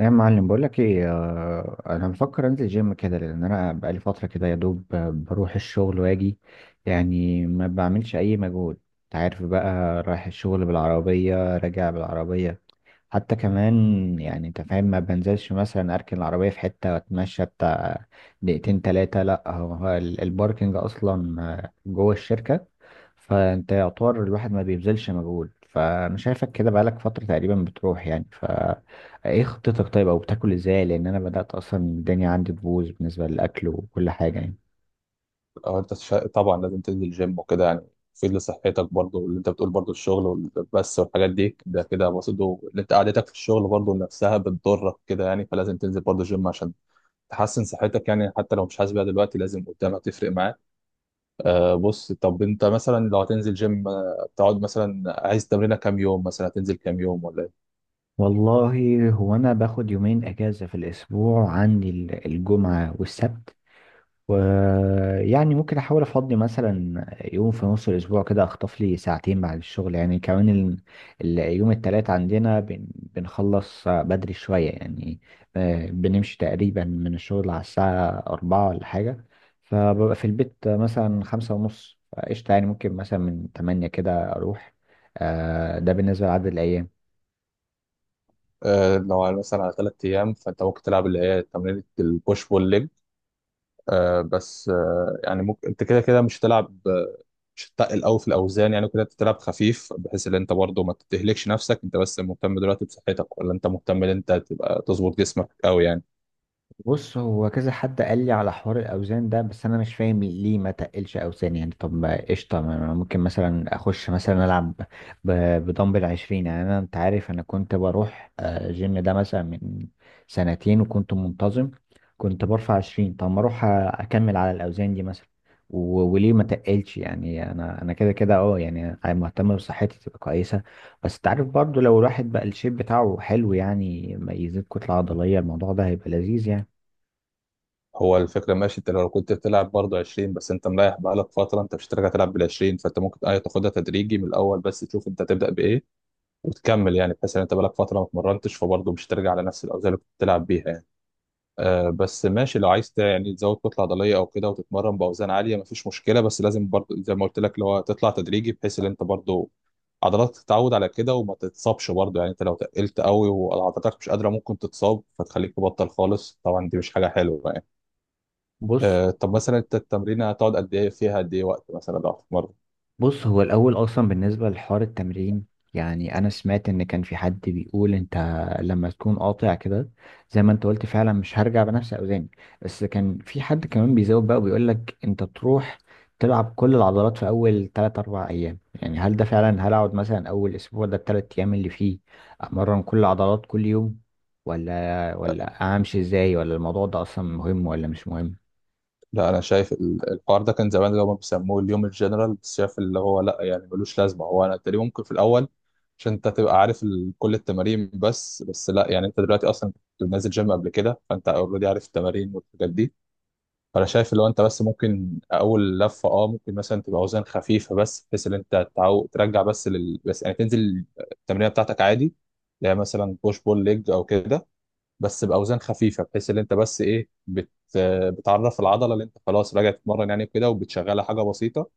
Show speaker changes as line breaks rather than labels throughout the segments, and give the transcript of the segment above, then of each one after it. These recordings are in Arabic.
يا معلم، بقول لك ايه؟ انا بفكر انزل جيم كده لان انا بقالي فتره كده يا دوب، بروح الشغل واجي، يعني ما بعملش اي مجهود. انت عارف بقى، رايح الشغل بالعربيه راجع بالعربيه حتى كمان. يعني انت فاهم، ما بنزلش مثلا اركن العربيه في حته واتمشى بتاع دقيقتين تلاتة. لا، الباركنج اصلا جوه الشركه. فانت يعتبر الواحد ما بيبذلش مجهود، فانا شايفك كده بقالك فتره تقريبا بتروح يعني. ايه خطتك طيب؟ او بتاكل ازاي؟ لان انا بدأت اصلا الدنيا عندي تبوظ بالنسبة للاكل وكل حاجة يعني.
طبعا لازم تنزل جيم وكده، يعني تفيد لصحتك برضه. واللي انت بتقول برضه الشغل والبس والحاجات دي، ده كده برضه اللي انت قعدتك في الشغل برضه نفسها بتضرك كده يعني، فلازم تنزل برضه جيم عشان تحسن صحتك يعني، حتى لو مش حاسس بيها دلوقتي لازم قدام هتفرق معاك. آه بص، طب انت مثلا لو هتنزل جيم، تقعد مثلا عايز تمرينه كام يوم، مثلا هتنزل كام يوم ولا ايه؟
والله، هو انا باخد يومين اجازة في الاسبوع، عندي الجمعة والسبت، ويعني ممكن احاول افضي مثلا يوم في نص الاسبوع كده، اخطف لي ساعتين بعد الشغل يعني. كمان اليوم التلات عندنا بنخلص بدري شوية يعني. بنمشي تقريبا من الشغل على الساعة أربعة ولا حاجة، فببقى في البيت مثلا خمسة ونص. قشطة، يعني ممكن مثلا من تمانية كده أروح. ده بالنسبة لعدد الأيام.
آه، مثلا على 3 ايام، فانت ممكن تلعب اللي هي تمرينه البوش بول ليج. آه بس آه، يعني ممكن انت كده كده مش هتلعب، مش تتقل قوي في الاوزان يعني، كده تلعب خفيف بحيث ان انت برضه ما تتهلكش نفسك. انت بس مهتم دلوقتي بصحتك ولا انت مهتم ان انت تبقى تظبط جسمك قوي يعني؟
بص، هو كذا حد قال لي على حوار الاوزان ده، بس انا مش فاهم ليه ما تقلش اوزان يعني. طب ما قشطه، ما ممكن مثلا اخش مثلا العب ب- بدمبل 20 يعني. انا انت عارف انا كنت بروح جيم ده مثلا من سنتين وكنت منتظم، كنت برفع 20. طب ما اروح اكمل على الاوزان دي مثلا. و- وليه ما تقلش يعني؟ انا كده كده اه يعني مهتم بصحتي تبقى كويسه. بس تعرف برضو، لو الواحد بقى الشيب بتاعه حلو يعني، ما يزيد كتله عضليه، الموضوع ده هيبقى لذيذ يعني.
هو الفكره ماشي، انت لو كنت بتلعب برضه 20 بس، انت مريح بقالك فتره، انت مش هترجع تلعب بال 20. فانت ممكن ايه تاخدها تدريجي من الاول، بس تشوف انت تبدا بايه وتكمل يعني، بحيث ان انت بقالك فتره ما اتمرنتش فبرضه مش هترجع على نفس الاوزان اللي كنت بتلعب بيها يعني. آه بس ماشي، لو عايز يعني تزود كتله عضليه او كده وتتمرن باوزان عاليه، مفيش مشكله، بس لازم برضه زي ما قلت لك اللي هو تطلع تدريجي، بحيث ان انت برضه عضلاتك تتعود على كده وما تتصابش برضه يعني. انت لو تقلت قوي وعضلاتك مش قادره، ممكن تتصاب فتخليك تبطل خالص، طبعا دي مش حاجه حلوه يعني.
بص
آه طب مثلا انت التمرين هتقعد قد ايه فيها، قد ايه وقت مثلا لو هتتمرن؟
بص، هو الأول أصلا بالنسبة لحوار التمرين، يعني أنا سمعت إن كان في حد بيقول أنت لما تكون قاطع كده، زي ما أنت قلت فعلا مش هرجع بنفس أوزاني. بس كان في حد كمان بيزود بقى وبيقول لك أنت تروح تلعب كل العضلات في أول تلات أربع أيام. يعني هل ده فعلا؟ هل أقعد مثلا أول أسبوع ده، التلات أيام اللي فيه أمرن كل العضلات كل يوم، ولا أمشي إزاي؟ ولا الموضوع ده أصلا مهم ولا مش مهم؟
لا انا شايف الحوار ده كان زمان، اللي هم بيسموه اليوم الجنرال، بس شايف اللي هو لا يعني ملوش لازمه. هو انا تقريبا ممكن في الاول، عشان انت تبقى عارف كل التمارين، بس بس لا يعني، انت دلوقتي اصلا كنت نازل جيم قبل كده، فانت اوريدي عارف التمارين والحاجات دي. فانا شايف اللي هو انت بس ممكن اول لفه اه، ممكن مثلا تبقى اوزان خفيفه بس، بحيث ان انت ترجع بس يعني تنزل التمرينه بتاعتك عادي، اللي هي مثلا بوش بول ليج او كده، بس باوزان خفيفه، بحيث ان انت بس ايه بتعرف العضله اللي انت خلاص راجع تتمرن يعني كده، وبتشغلها حاجه بسيطه.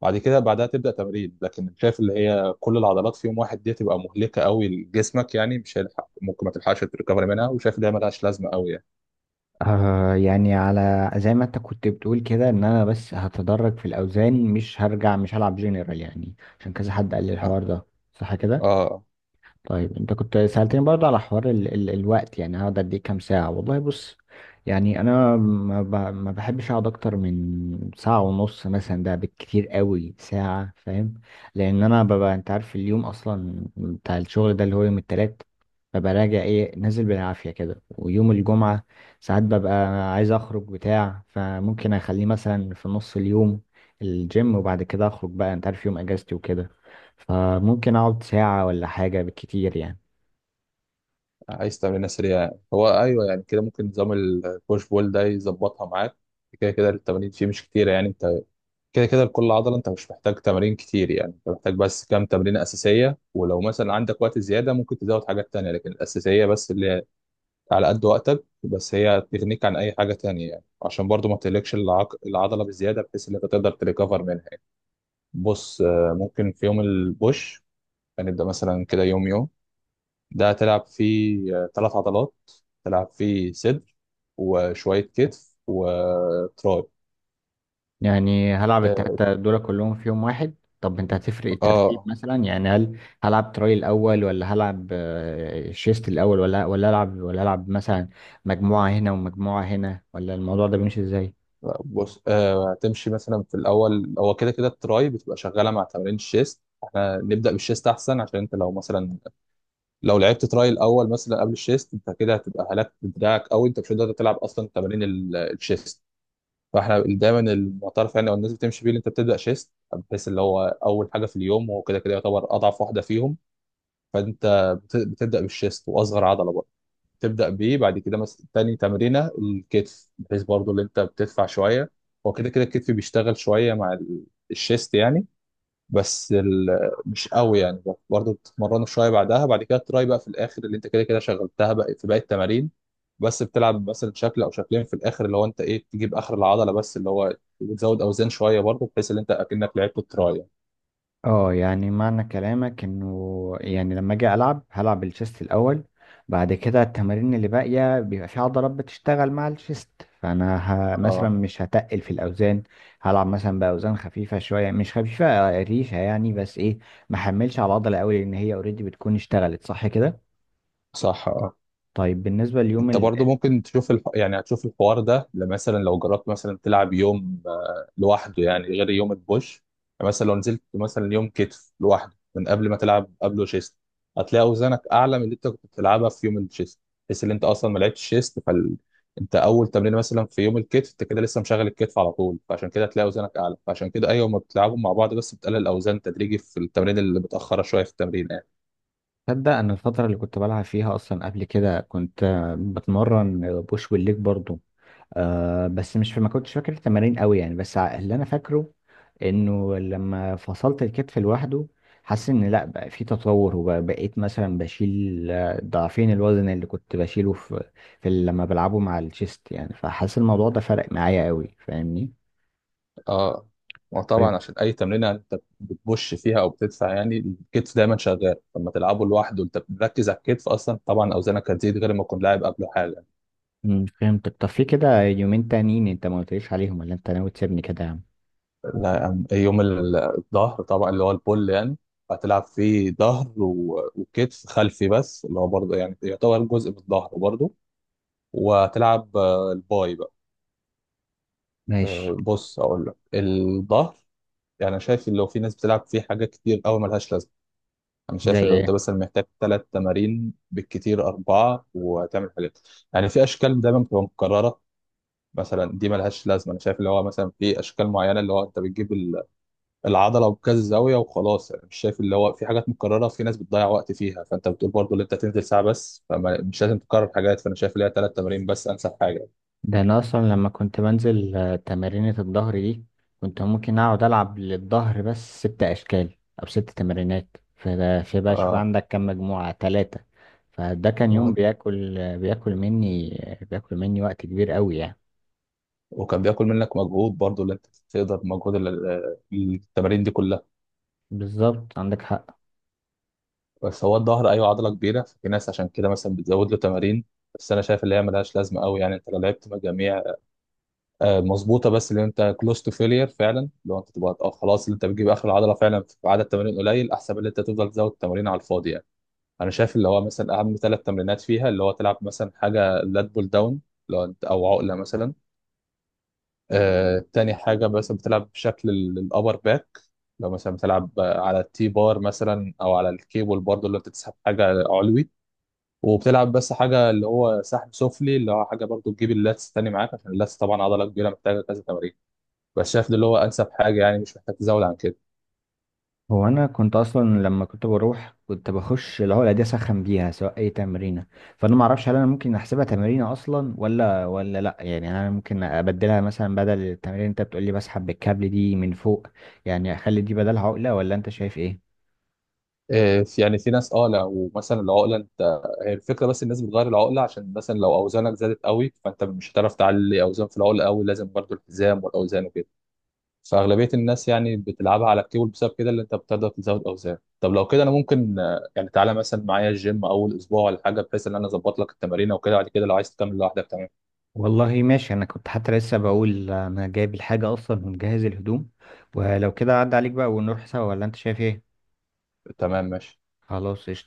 بعد كده بعدها تبدا تمرين، لكن شايف اللي هي كل العضلات في يوم واحد دي تبقى مهلكه قوي لجسمك يعني، مش هيلحق، ممكن ما تلحقش تريكفري منها، وشايف ده ملهاش لازمه قوي يعني.
آه يعني، على زي ما انت كنت بتقول كده، ان انا بس هتدرج في الاوزان، مش هرجع، مش هلعب جنرال يعني، عشان كذا حد قال لي
اه
الحوار ده. صح كده؟
آه.
طيب، انت كنت سألتني برضه على حوار ال ال الوقت، يعني هقعد قد ايه كام ساعة؟ والله بص، يعني انا ما بحبش اقعد اكتر من ساعة ونص مثلا، ده بالكتير قوي ساعة، فاهم؟ لان انا ببقى انت عارف اليوم اصلا بتاع الشغل ده اللي هو يوم التلات، ببقى راجع ايه، نازل بالعافية كده. ويوم الجمعة ساعات ببقى عايز اخرج بتاع، فممكن اخليه مثلا في نص اليوم الجيم، وبعد كده اخرج بقى، انت عارف يوم اجازتي وكده. فممكن اقعد ساعة ولا حاجة بالكتير يعني.
عايز تعملها سريع؟ هو ايوه يعني كده، ممكن نظام البوش بول ده يظبطها معاك. كده كده التمارين فيه مش كتيره يعني، انت كده كده لكل عضله انت مش محتاج تمارين كتير يعني، انت محتاج بس كام تمرينه اساسيه، ولو مثلا عندك وقت زياده ممكن تزود حاجات تانية، لكن الاساسيه بس اللي هي على قد وقتك، بس هي تغنيك عن اي حاجه تانية يعني، عشان برضو ما تهلكش العضله بزياده، بحيث ان انت تقدر تريكفر منها يعني. بص آه، ممكن في يوم البوش هنبدا مثلا كده، يوم يوم ده هتلعب فيه آه، 3 عضلات. تلعب فيه صدر وشوية كتف وتراي.
يعني هلعب
اه
التلاتة دول كلهم في يوم واحد؟ طب انت هتفرق الترتيب
آه،
مثلا؟ يعني هل هلعب تراي الاول، ولا هلعب شيست الاول، ولا العب مثلا مجموعة هنا ومجموعة هنا؟ ولا الموضوع ده بيمشي ازاي؟
بص آه، هتمشي مثلا في الأول، هو كده كده التراي بتبقى شغالة مع تمارين الشيست، احنا نبدأ بالشيست أحسن، عشان انت لو مثلا لو لعبت تراي الأول مثلا قبل الشيست، انت كده هتبقى هلكت دراعك أوي، انت مش هتقدر تلعب أصلا تمارين الشيست. فاحنا دايما المعترف يعني او الناس بتمشي بيه، اللي انت بتبدأ شيست، بحيث اللي هو أول حاجة في اليوم، وهو كده كده يعتبر أضعف واحدة فيهم. فانت بتبدا بالشيست، واصغر عضله بقى تبدا بيه. بعد كده مثلا تاني تمرينه الكتف، بحيث برضو اللي انت بتدفع شويه، هو كده كده الكتف بيشتغل شويه مع الشيست يعني، بس مش قوي يعني، برضو بتتمرنه شويه. بعدها بعد كده تراي بقى في الاخر، اللي انت كده كده شغلتها بقى في باقي التمارين، بس بتلعب مثلا شكل او شكلين في الاخر، اللي هو انت ايه تجيب اخر العضله بس، اللي هو بتزود اوزان شويه برضو، بحيث ان انت اكنك لعبت التراي يعني.
اه يعني معنى كلامك، انه يعني لما اجي العب هلعب الشيست الاول، بعد كده التمارين اللي باقيه بيبقى في عضلات بتشتغل مع الشيست، فانا مثلا
اه
مش هتقل في الاوزان، هلعب مثلا باوزان خفيفه شويه، مش خفيفه ريشه يعني، بس ايه ما حملش على العضله قوي لان هي اوريدي بتكون اشتغلت. صح كده؟
صح اه،
طيب بالنسبه ليوم
انت برضو ممكن تشوف يعني هتشوف الحوار ده، لما مثلا لو جربت مثلا تلعب يوم آه، لوحده يعني غير يوم البوش. مثلا لو نزلت مثلا يوم كتف لوحده من قبل ما تلعب قبله شيست، هتلاقي اوزانك اعلى من اللي انت كنت بتلعبها في يوم الشيست، بحيث ان انت اصلا ما لعبتش شيست انت اول تمرين مثلا في يوم الكتف انت كده لسه مشغل الكتف على طول، فعشان كده هتلاقي اوزانك اعلى، فعشان كده ايوه ما بتلعبهم مع بعض، بس بتقلل الاوزان تدريجي في التمرين اللي متاخره شويه في التمرين.
تصدق، انا الفتره اللي كنت بلعب فيها اصلا قبل كده، كنت بتمرن بوش والليج برضو. آه بس مش، ما كنتش فاكر التمارين قوي يعني، بس اللي انا فاكره انه لما فصلت الكتف لوحده، حاسس ان لا، بقى في تطور، وبقيت مثلا بشيل ضعفين الوزن اللي كنت بشيله في، لما بلعبه مع الشيست يعني، فحاسس الموضوع ده فرق معايا قوي، فاهمني؟
اه،
طيب،
وطبعا عشان اي تمرينه انت بتبش فيها او بتدفع يعني، الكتف دايما شغال، لما تلعبه لوحده انت بتركز على الكتف اصلا، طبعا اوزانك هتزيد غير ما تكون لاعب قبله حاجه.
فهمتك. طب في كده يومين تانيين انت ما قلتليش عليهم، ولا انت ناوي تسيبني كده يا عم؟
لا الظهر طبعا اللي هو البول يعني، هتلعب فيه ظهر وكتف خلفي، بس اللي هو برضه يعني يعتبر جزء من الظهر برضه، وهتلعب آه، الباي بقى.
ماشي.
آه بص، اقول لك الظهر، يعني أنا شايف لو في ناس بتلعب فيه حاجات كتير قوي ملهاش لازمه. انا
زي
شايف اللي انت
ايه؟
مثلا محتاج 3 تمارين بالكتير اربعه، وهتعمل حاجات يعني في اشكال دايما بتبقى مكرره، مثلا دي ملهاش لازمه. انا شايف اللي هو مثلا في اشكال معينه، اللي هو انت بتجيب العضله بكذا زاويه وخلاص يعني، مش شايف اللي هو في حاجات مكرره، في ناس بتضيع وقت فيها، فانت بتقول برضو اللي انت تنزل ساعه بس، فمش لازم تكرر حاجات، فانا شايف اللي هي 3 تمارين بس انسب حاجه.
ده انا اصلا لما كنت بنزل تمارينة الظهر دي، كنت ممكن اقعد العب للظهر بس ست اشكال او ست تمارينات، فده في بقى شوف
آه،
عندك كم مجموعة ثلاثة، فده كان يوم
وه-
بياكل بياكل مني وقت كبير قوي يعني.
وكان بياكل منك مجهود برضو، اللي انت تقدر مجهود التمارين دي كلها.
بالظبط، عندك حق.
بس هو الظهر ايوه عضله كبيره، ففي ناس عشان كده مثلا بتزود له تمارين، بس انا شايف اللي هي ملهاش لازمه قوي يعني. انت لو لعبت مجاميع آه، مظبوطه بس، اللي انت كلوز تو فيلير فعلا، لو انت تبقى آه، خلاص اللي انت بتجيب اخر العضله فعلا في عدد تمارين قليل، احسن من اللي انت تفضل تزود تمارين على الفاضي يعني. انا شايف اللي هو مثلا اهم 3 تمرينات فيها، اللي هو تلعب مثلا حاجه لات بول داون، لو انت او عقله مثلا. آه، تاني حاجه مثلا بتلعب بشكل الابر باك، لو مثلا بتلعب آه، على التي بار مثلا او على الكيبل برضه، اللي انت تسحب حاجه علوي. وبتلعب بس حاجه اللي هو سحب سفلي، اللي هو حاجه برضو تجيب اللاتس تاني معاك، عشان اللاتس طبعا عضله كبيره محتاجه كذا تمارين، بس شايف ده اللي هو انسب حاجه يعني، مش محتاج تزود عن كده.
هو انا كنت اصلا لما كنت بروح كنت بخش اللي هو الاداه اسخن بيها سواء اي تمرينه، فانا ما اعرفش هل انا ممكن احسبها تمرينه اصلا ولا ولا لا يعني، هل انا ممكن ابدلها مثلا بدل التمرين اللي انت بتقول لي بسحب بالكابل دي من فوق، يعني اخلي دي بدل عقله، ولا انت شايف ايه؟
إيه، يعني في ناس اه لو مثلا العقله، انت هي الفكره، بس الناس بتغير العقله عشان مثلا لو اوزانك زادت قوي، فانت مش هتعرف تعلي اوزان في العقله قوي، لازم برضو الحزام والاوزان وكده، فاغلبيه الناس يعني بتلعبها على الكيبل بسبب كده، اللي انت بتقدر تزود اوزان. طب لو كده انا ممكن آه، يعني تعالى مثلا معايا الجيم اول اسبوع ولا حاجه، بحيث ان انا اظبط لك التمارين وكده، بعد كده لو عايز تكمل لوحدك تمام.
والله ماشي، انا كنت حتى لسه بقول انا جايب الحاجه اصلا ومجهز الهدوم، ولو كده عدى عليك بقى ونروح سوا، ولا انت شايف ايه؟
تمام ماشي.
خلاص قشطة.